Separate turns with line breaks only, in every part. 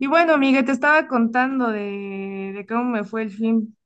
Y bueno, amiga, te estaba contando de cómo me fue el fin.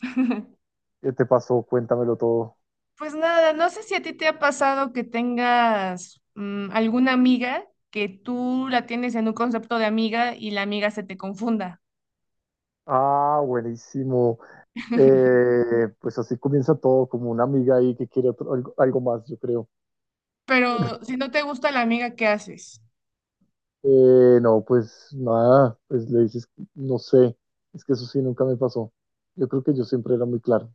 ¿Qué te pasó? Cuéntamelo todo.
Pues nada, no sé si a ti te ha pasado que tengas alguna amiga que tú la tienes en un concepto de amiga y la amiga se te confunda.
Ah, buenísimo. Pues así comienza todo, como una amiga ahí que quiere algo, algo más, yo creo.
Pero si no te gusta la amiga, ¿qué haces?
No, pues nada, pues le dices, no sé, es que eso sí nunca me pasó. Yo creo que yo siempre era muy claro.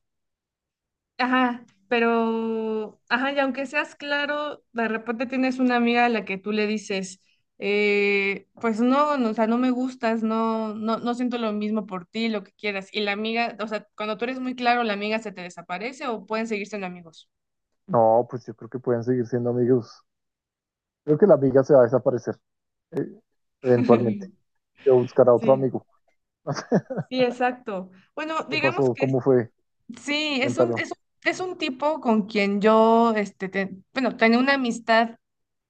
Ajá, pero, ajá, y aunque seas claro, de repente tienes una amiga a la que tú le dices, pues no, no, o sea, no me gustas, no, no, no siento lo mismo por ti, lo que quieras. Y la amiga, o sea, cuando tú eres muy claro, la amiga se te desaparece o pueden seguir siendo amigos.
No, pues yo creo que pueden seguir siendo amigos. Creo que la amiga se va a desaparecer, eh, eventualmente. Se va a buscar a otro
Sí,
amigo.
sí, exacto. Bueno,
¿Qué
digamos
pasó?
que
¿Cómo fue?
sí, es un,
Cuéntalo.
es un, es un tipo con quien yo, bueno, tenía una amistad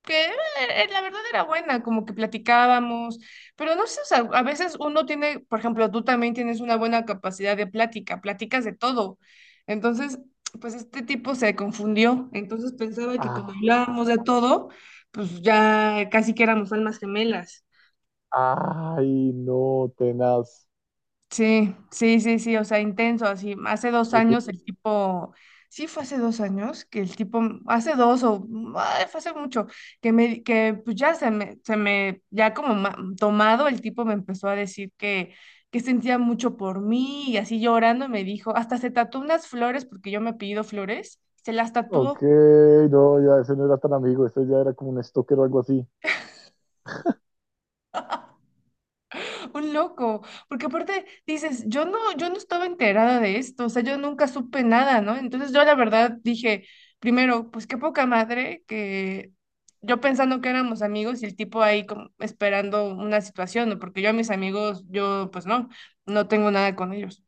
que la verdad era buena, como que platicábamos, pero no sé, o sea, a veces uno tiene, por ejemplo, tú también tienes una buena capacidad de plática, platicas de todo. Entonces, pues este tipo se confundió, entonces pensaba que
Ah,
como hablábamos de todo, pues ya casi que éramos almas gemelas.
ay, no, tenaz.
Sí, sí, sí, sí, o sea, intenso, así. Hace dos
Pero tú-
años el tipo, sí fue hace dos años, que el tipo, hace dos o, ay, fue hace mucho, que me, que pues ya ya como ma- tomado, el tipo me empezó a decir que sentía mucho por mí y así llorando me dijo, hasta se tatuó unas flores porque yo me he pedido flores, se las
Ok,
tatuó.
no, ya ese no era tan amigo, ese ya era como un stalker o algo así.
Un loco, porque aparte dices, yo no estaba enterada de esto, o sea, yo nunca supe nada, ¿no? Entonces yo la verdad dije, primero, pues qué poca madre que yo pensando que éramos amigos y el tipo ahí como esperando una situación, ¿no? Porque yo a mis amigos, yo pues no, no tengo nada con ellos.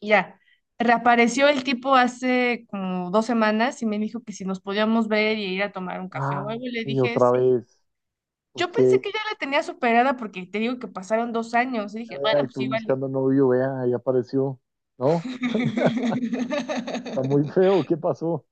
Y ya, reapareció el tipo hace como dos semanas y me dijo que si nos podíamos ver y ir a tomar un café
Ah,
o algo, y le
y
dije,
otra vez.
yo
Ok,
pensé
vea,
que ya la tenía superada porque te digo que pasaron dos años y dije, bueno,
y
pues
tú
sí, vale.
buscando novio, vea, ahí apareció. No, está muy feo, ¿qué pasó?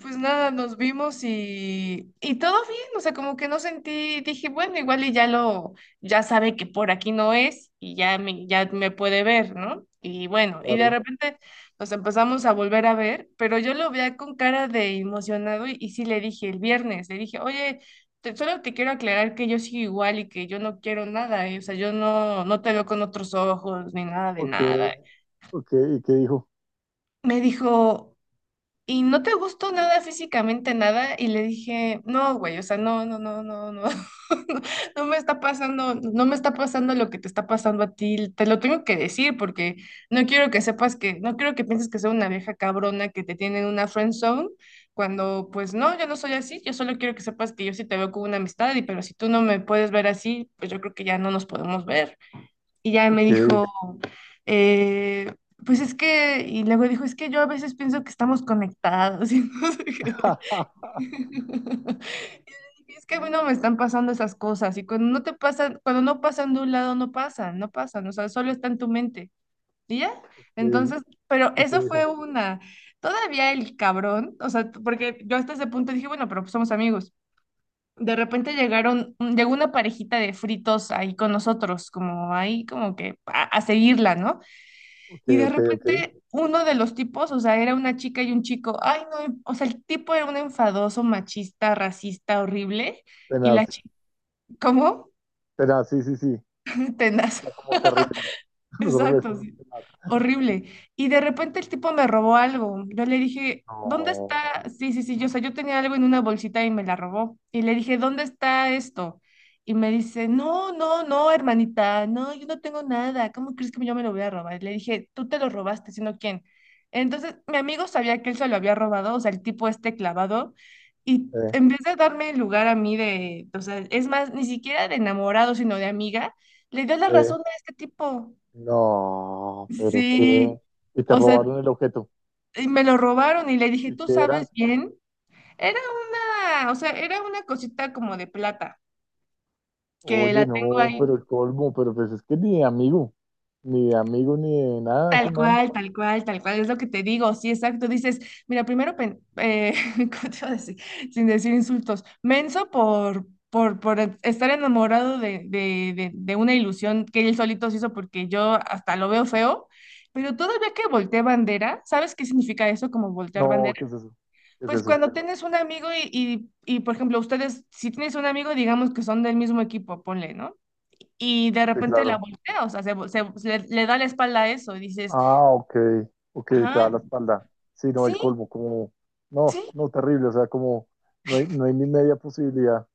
Pues nada, nos vimos y todo bien, o sea, como que no sentí, dije, bueno, igual y ya lo, ya sabe que por aquí no es y ya me puede ver, ¿no? Y bueno, y de
Claro,
repente nos empezamos a volver a ver, pero yo lo veía con cara de emocionado y sí le dije el viernes, le dije, oye, solo te quiero aclarar que yo sigo igual y que yo no quiero nada, ¿eh? O sea, yo no, no te veo con otros ojos ni nada de
ok,
nada.
ok, ¿y qué dijo?
Me dijo y no te gustó nada físicamente, nada, y le dije, no, güey, o sea, no, no, no, no, no, no no me está pasando, no me está pasando lo que te está pasando a ti, te lo tengo que decir porque no quiero que sepas que, no quiero que pienses que soy una vieja cabrona que te tiene en una friend zone, cuando pues no, yo no soy así, yo solo quiero que sepas que yo sí te veo como una amistad, y pero si tú no me puedes ver así, pues yo creo que ya no nos podemos ver. Y ya me
Ok.
dijo, eh, pues es que, y luego dijo, es que yo a veces pienso que estamos conectados y no sé qué. Y le dije, es que a mí no me están pasando esas cosas y cuando no te pasan, cuando no pasan de un lado, no pasan, no pasan, o sea, solo está en tu mente. ¿Y ya?
Ok,
Entonces, pero
¿y qué
eso fue
dijo?
una, todavía el cabrón, o sea, porque yo hasta ese punto dije, bueno, pero pues somos amigos. De repente llegaron, llegó una parejita de fritos ahí con nosotros, como ahí como que a seguirla, ¿no?
Ok,
Y de
ok, ok.
repente uno de los tipos, o sea, era una chica y un chico, ay no, o sea, el tipo era un enfadoso, machista, racista, horrible, y la
Tenaz,
chica, ¿cómo?
tenaz, sí, sí, sí.
Tenaz.
Está como terrible. Nosotros le
Exacto,
decimos
sí.
tenaz.
Horrible. Y de repente el tipo me robó algo. Yo le dije, ¿dónde
No,
está? Sí, sí, sí. Yo, o sea, yo tenía algo en una bolsita y me la robó. Y le dije, ¿dónde está esto? Y me dice, no, no, no, hermanita, no, yo no tengo nada. ¿Cómo crees que yo me lo voy a robar? Le dije, tú te lo robaste, sino quién. Entonces, mi amigo sabía que él se lo había robado, o sea, el tipo este clavado. Y
eh,
en vez de darme el lugar a mí de, o sea, es más, ni siquiera de enamorado, sino de amiga, le dio la
eh,
razón a este tipo.
no, pero
Sí,
qué. Y te
o sea,
robaron el objeto.
y me lo robaron y le dije,
¿Y
¿tú
qué
sabes
era?
bien? Era una, o sea, era una cosita como de plata, que la
Oye,
tengo
no,
ahí
pero el colmo, pero pues es que ni de amigo, ni de amigo, ni de nada ese
tal
man.
cual, tal cual, tal cual, es lo que te digo, sí, exacto. Dices, mira, primero, ¿cómo te iba a decir? Sin decir insultos, menso por estar enamorado de una ilusión que él solito se hizo porque yo hasta lo veo feo, pero todavía que volteé bandera, ¿sabes qué significa eso como voltear
No,
bandera?
¿qué es eso? ¿Qué es
Pues
eso?
cuando tienes un amigo por ejemplo, ustedes, si tienes un amigo, digamos que son del mismo equipo, ponle, ¿no? Y de
Sí,
repente la
claro.
voltea, o sea, se le da la espalda a eso y dices,
Ah, ok, ok, te da
ajá.
la espalda. Sí, no, el
Sí,
colmo, como, no,
sí.
no, terrible, o sea, como, no hay, no hay ni media posibilidad.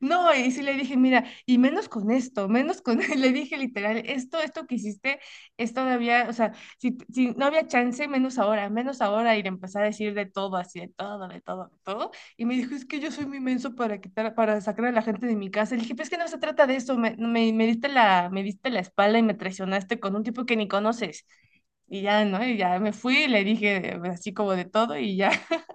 No, y sí le dije, mira, y menos con esto, menos con, le dije literal, esto que hiciste es todavía, o sea, si no había chance, menos ahora, y le empecé a decir de todo, así, de todo, de todo, de todo, y me dijo, es que yo soy muy menso para quitar, para sacar a la gente de mi casa, le dije, pero es que no se trata de eso, me diste la espalda y me traicionaste con un tipo que ni conoces, y ya, ¿no? Y ya me fui y le dije así como de todo, y ya.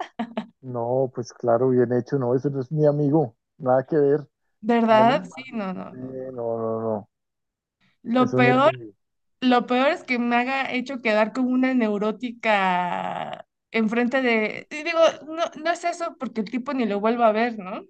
No, pues claro, bien hecho, no, eso no es mi amigo, nada que ver,
¿Verdad?
menos mal.
Sí, no, no,
Sí,
no, no.
no, no, no,
Lo
eso no es mi
peor.
amigo.
Lo peor es que me haga hecho quedar como una neurótica enfrente de... y digo, no, no es eso porque el tipo ni lo vuelvo a ver, ¿no?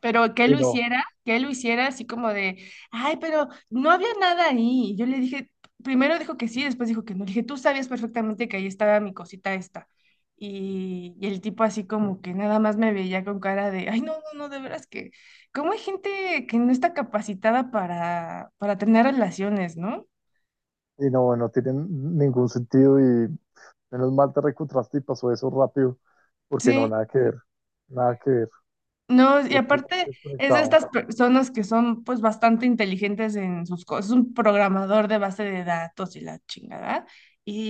Pero que él
Sí,
lo
no,
hiciera, que él lo hiciera así como de, ay, pero no había nada ahí. Y yo le dije, primero dijo que sí, después dijo que no. Le dije, tú sabías perfectamente que ahí estaba mi cosita esta. Y el tipo así como que nada más me veía con cara de, ay, no, no, no, de veras que, ¿cómo hay gente que no está capacitada para tener relaciones, no?
y no, no tiene ningún sentido Menos mal te reencontraste y pasó eso rápido, porque no,
Sí.
nada que ver, nada que ver,
No, y
totalmente
aparte es de
desconectado.
estas personas que son pues bastante inteligentes en sus cosas, es un programador de base de datos y la chingada,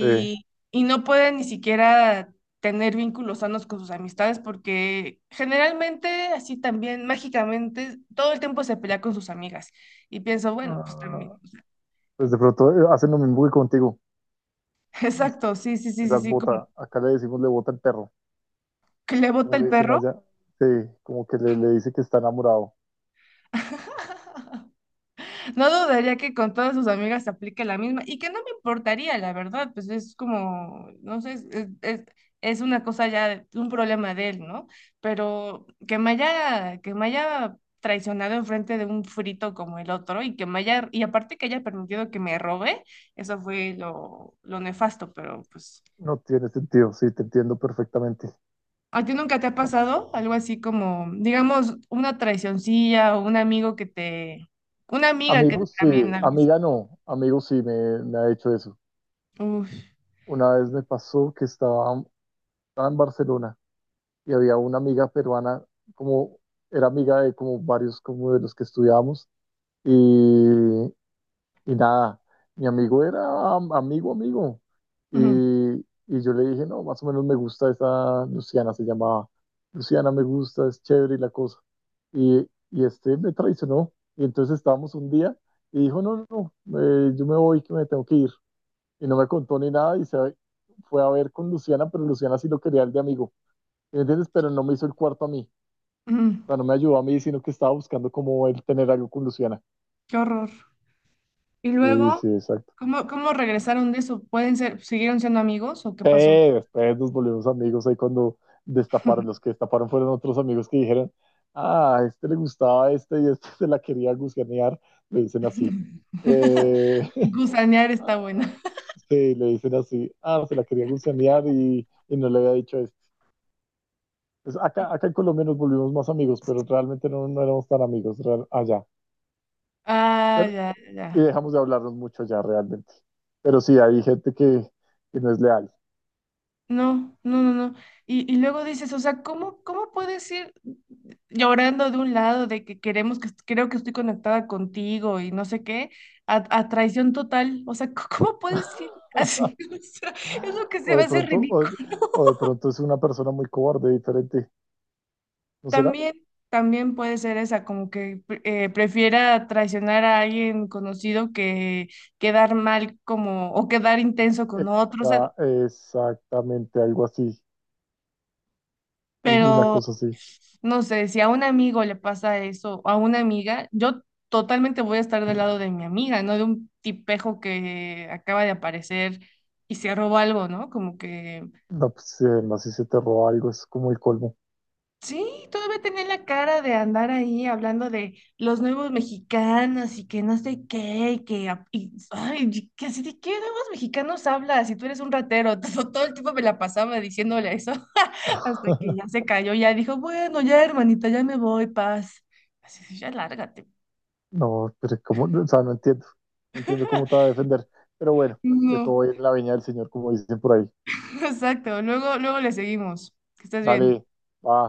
Sí.
y no puede ni siquiera tener vínculos sanos con sus amistades porque generalmente así también mágicamente todo el tiempo se pelea con sus amigas y pienso, bueno, pues también,
Ah, pues de pronto hacen lo mismo que contigo,
exacto, sí, sí, sí, sí,
las
sí, como
bota, acá le decimos le bota el perro,
que le bota
como le
el
dicen
perro.
allá, sí, como que le dice que está enamorado.
No dudaría que con todas sus amigas se aplique la misma y que no me importaría, la verdad, pues es como, no sé, es una cosa ya, un problema de él, ¿no? Pero que me haya traicionado enfrente de un frito como el otro y que me haya, y aparte que haya permitido que me robe, eso fue lo nefasto, pero pues,
No tiene sentido, sí, te entiendo perfectamente.
¿a ti nunca te ha
No
pasado
sé.
algo así como, digamos, una traicioncilla o un amigo que te, una amiga que
Amigos, sí,
también algo así?
amiga no, amigos sí me ha hecho eso.
Uf.
Una vez me pasó que estaba en Barcelona y había una amiga peruana, como era amiga de como varios como de los que estudiábamos y, y nada, mi amigo era amigo, amigo.
Ujú.
Y, y yo le dije, no, más o menos me gusta esa Luciana, se llamaba. Luciana me gusta, es chévere y la cosa. Y este me traicionó. Y entonces estábamos un día y dijo, no, no, no, yo me voy, que me tengo que ir. Y no me contó ni nada y se fue a ver con Luciana, pero Luciana sí lo quería el de amigo. ¿Me ¿Entiendes? Pero no me hizo el cuarto a mí,
Mm.
no me ayudó a mí, sino que estaba buscando cómo él tener algo con Luciana.
Qué horror. Y
Sí,
luego,
sí, exacto.
¿cómo regresaron de eso? ¿Pueden ser, siguieron siendo amigos o qué pasó?
Pero después nos volvimos amigos ahí cuando destaparon, los que destaparon fueron otros amigos que dijeron, ah, a este le gustaba este y este se la quería gusanear, le dicen así. Eh,
Gusanear está
ah,
buena.
sí, le dicen así, ah, se la quería gusanear y no le había dicho esto. Pues acá en Colombia nos volvimos más amigos, pero realmente no, no éramos tan amigos allá.
Ah,
Pero,
ya, ya,
y
ya.
dejamos de hablarnos mucho ya realmente. Pero sí, hay gente que no es leal.
No, no, no, no. Y luego dices, o sea, ¿cómo puedes ir llorando de un lado de que queremos que creo que estoy conectada contigo y no sé qué, a traición total? O sea, ¿cómo puedes ir así? O sea, es lo que
O
se me
de
hace
pronto, o,
ridículo.
o de pronto es una persona muy cobarde, diferente, ¿no será?
También, también puede ser esa, como que prefiera traicionar a alguien conocido que quedar mal como o quedar intenso con otros,
Está exactamente algo así, alguna
pero
cosa así.
no sé, si a un amigo le pasa eso, a una amiga, yo totalmente voy a estar del lado de mi amiga, no de un tipejo que acaba de aparecer y se roba algo, ¿no? Como que
No, pues más si se te roba algo, es como el colmo.
sí, todavía tenía la cara de andar ahí hablando de los nuevos mexicanos y que no sé qué, y que, ay, y que así de qué nuevos mexicanos hablas si tú eres un ratero. Todo, todo el tiempo me la pasaba diciéndole eso hasta que ya se cayó, ya dijo, bueno, ya hermanita, ya me voy, paz. Así, de, ya lárgate.
No, pero como, o sea, no entiendo, no entiendo cómo te va a defender. Pero bueno, de
No,
todo en la viña del Señor, como dicen por ahí.
exacto, luego, luego le seguimos. Que estés bien.
Dale, va.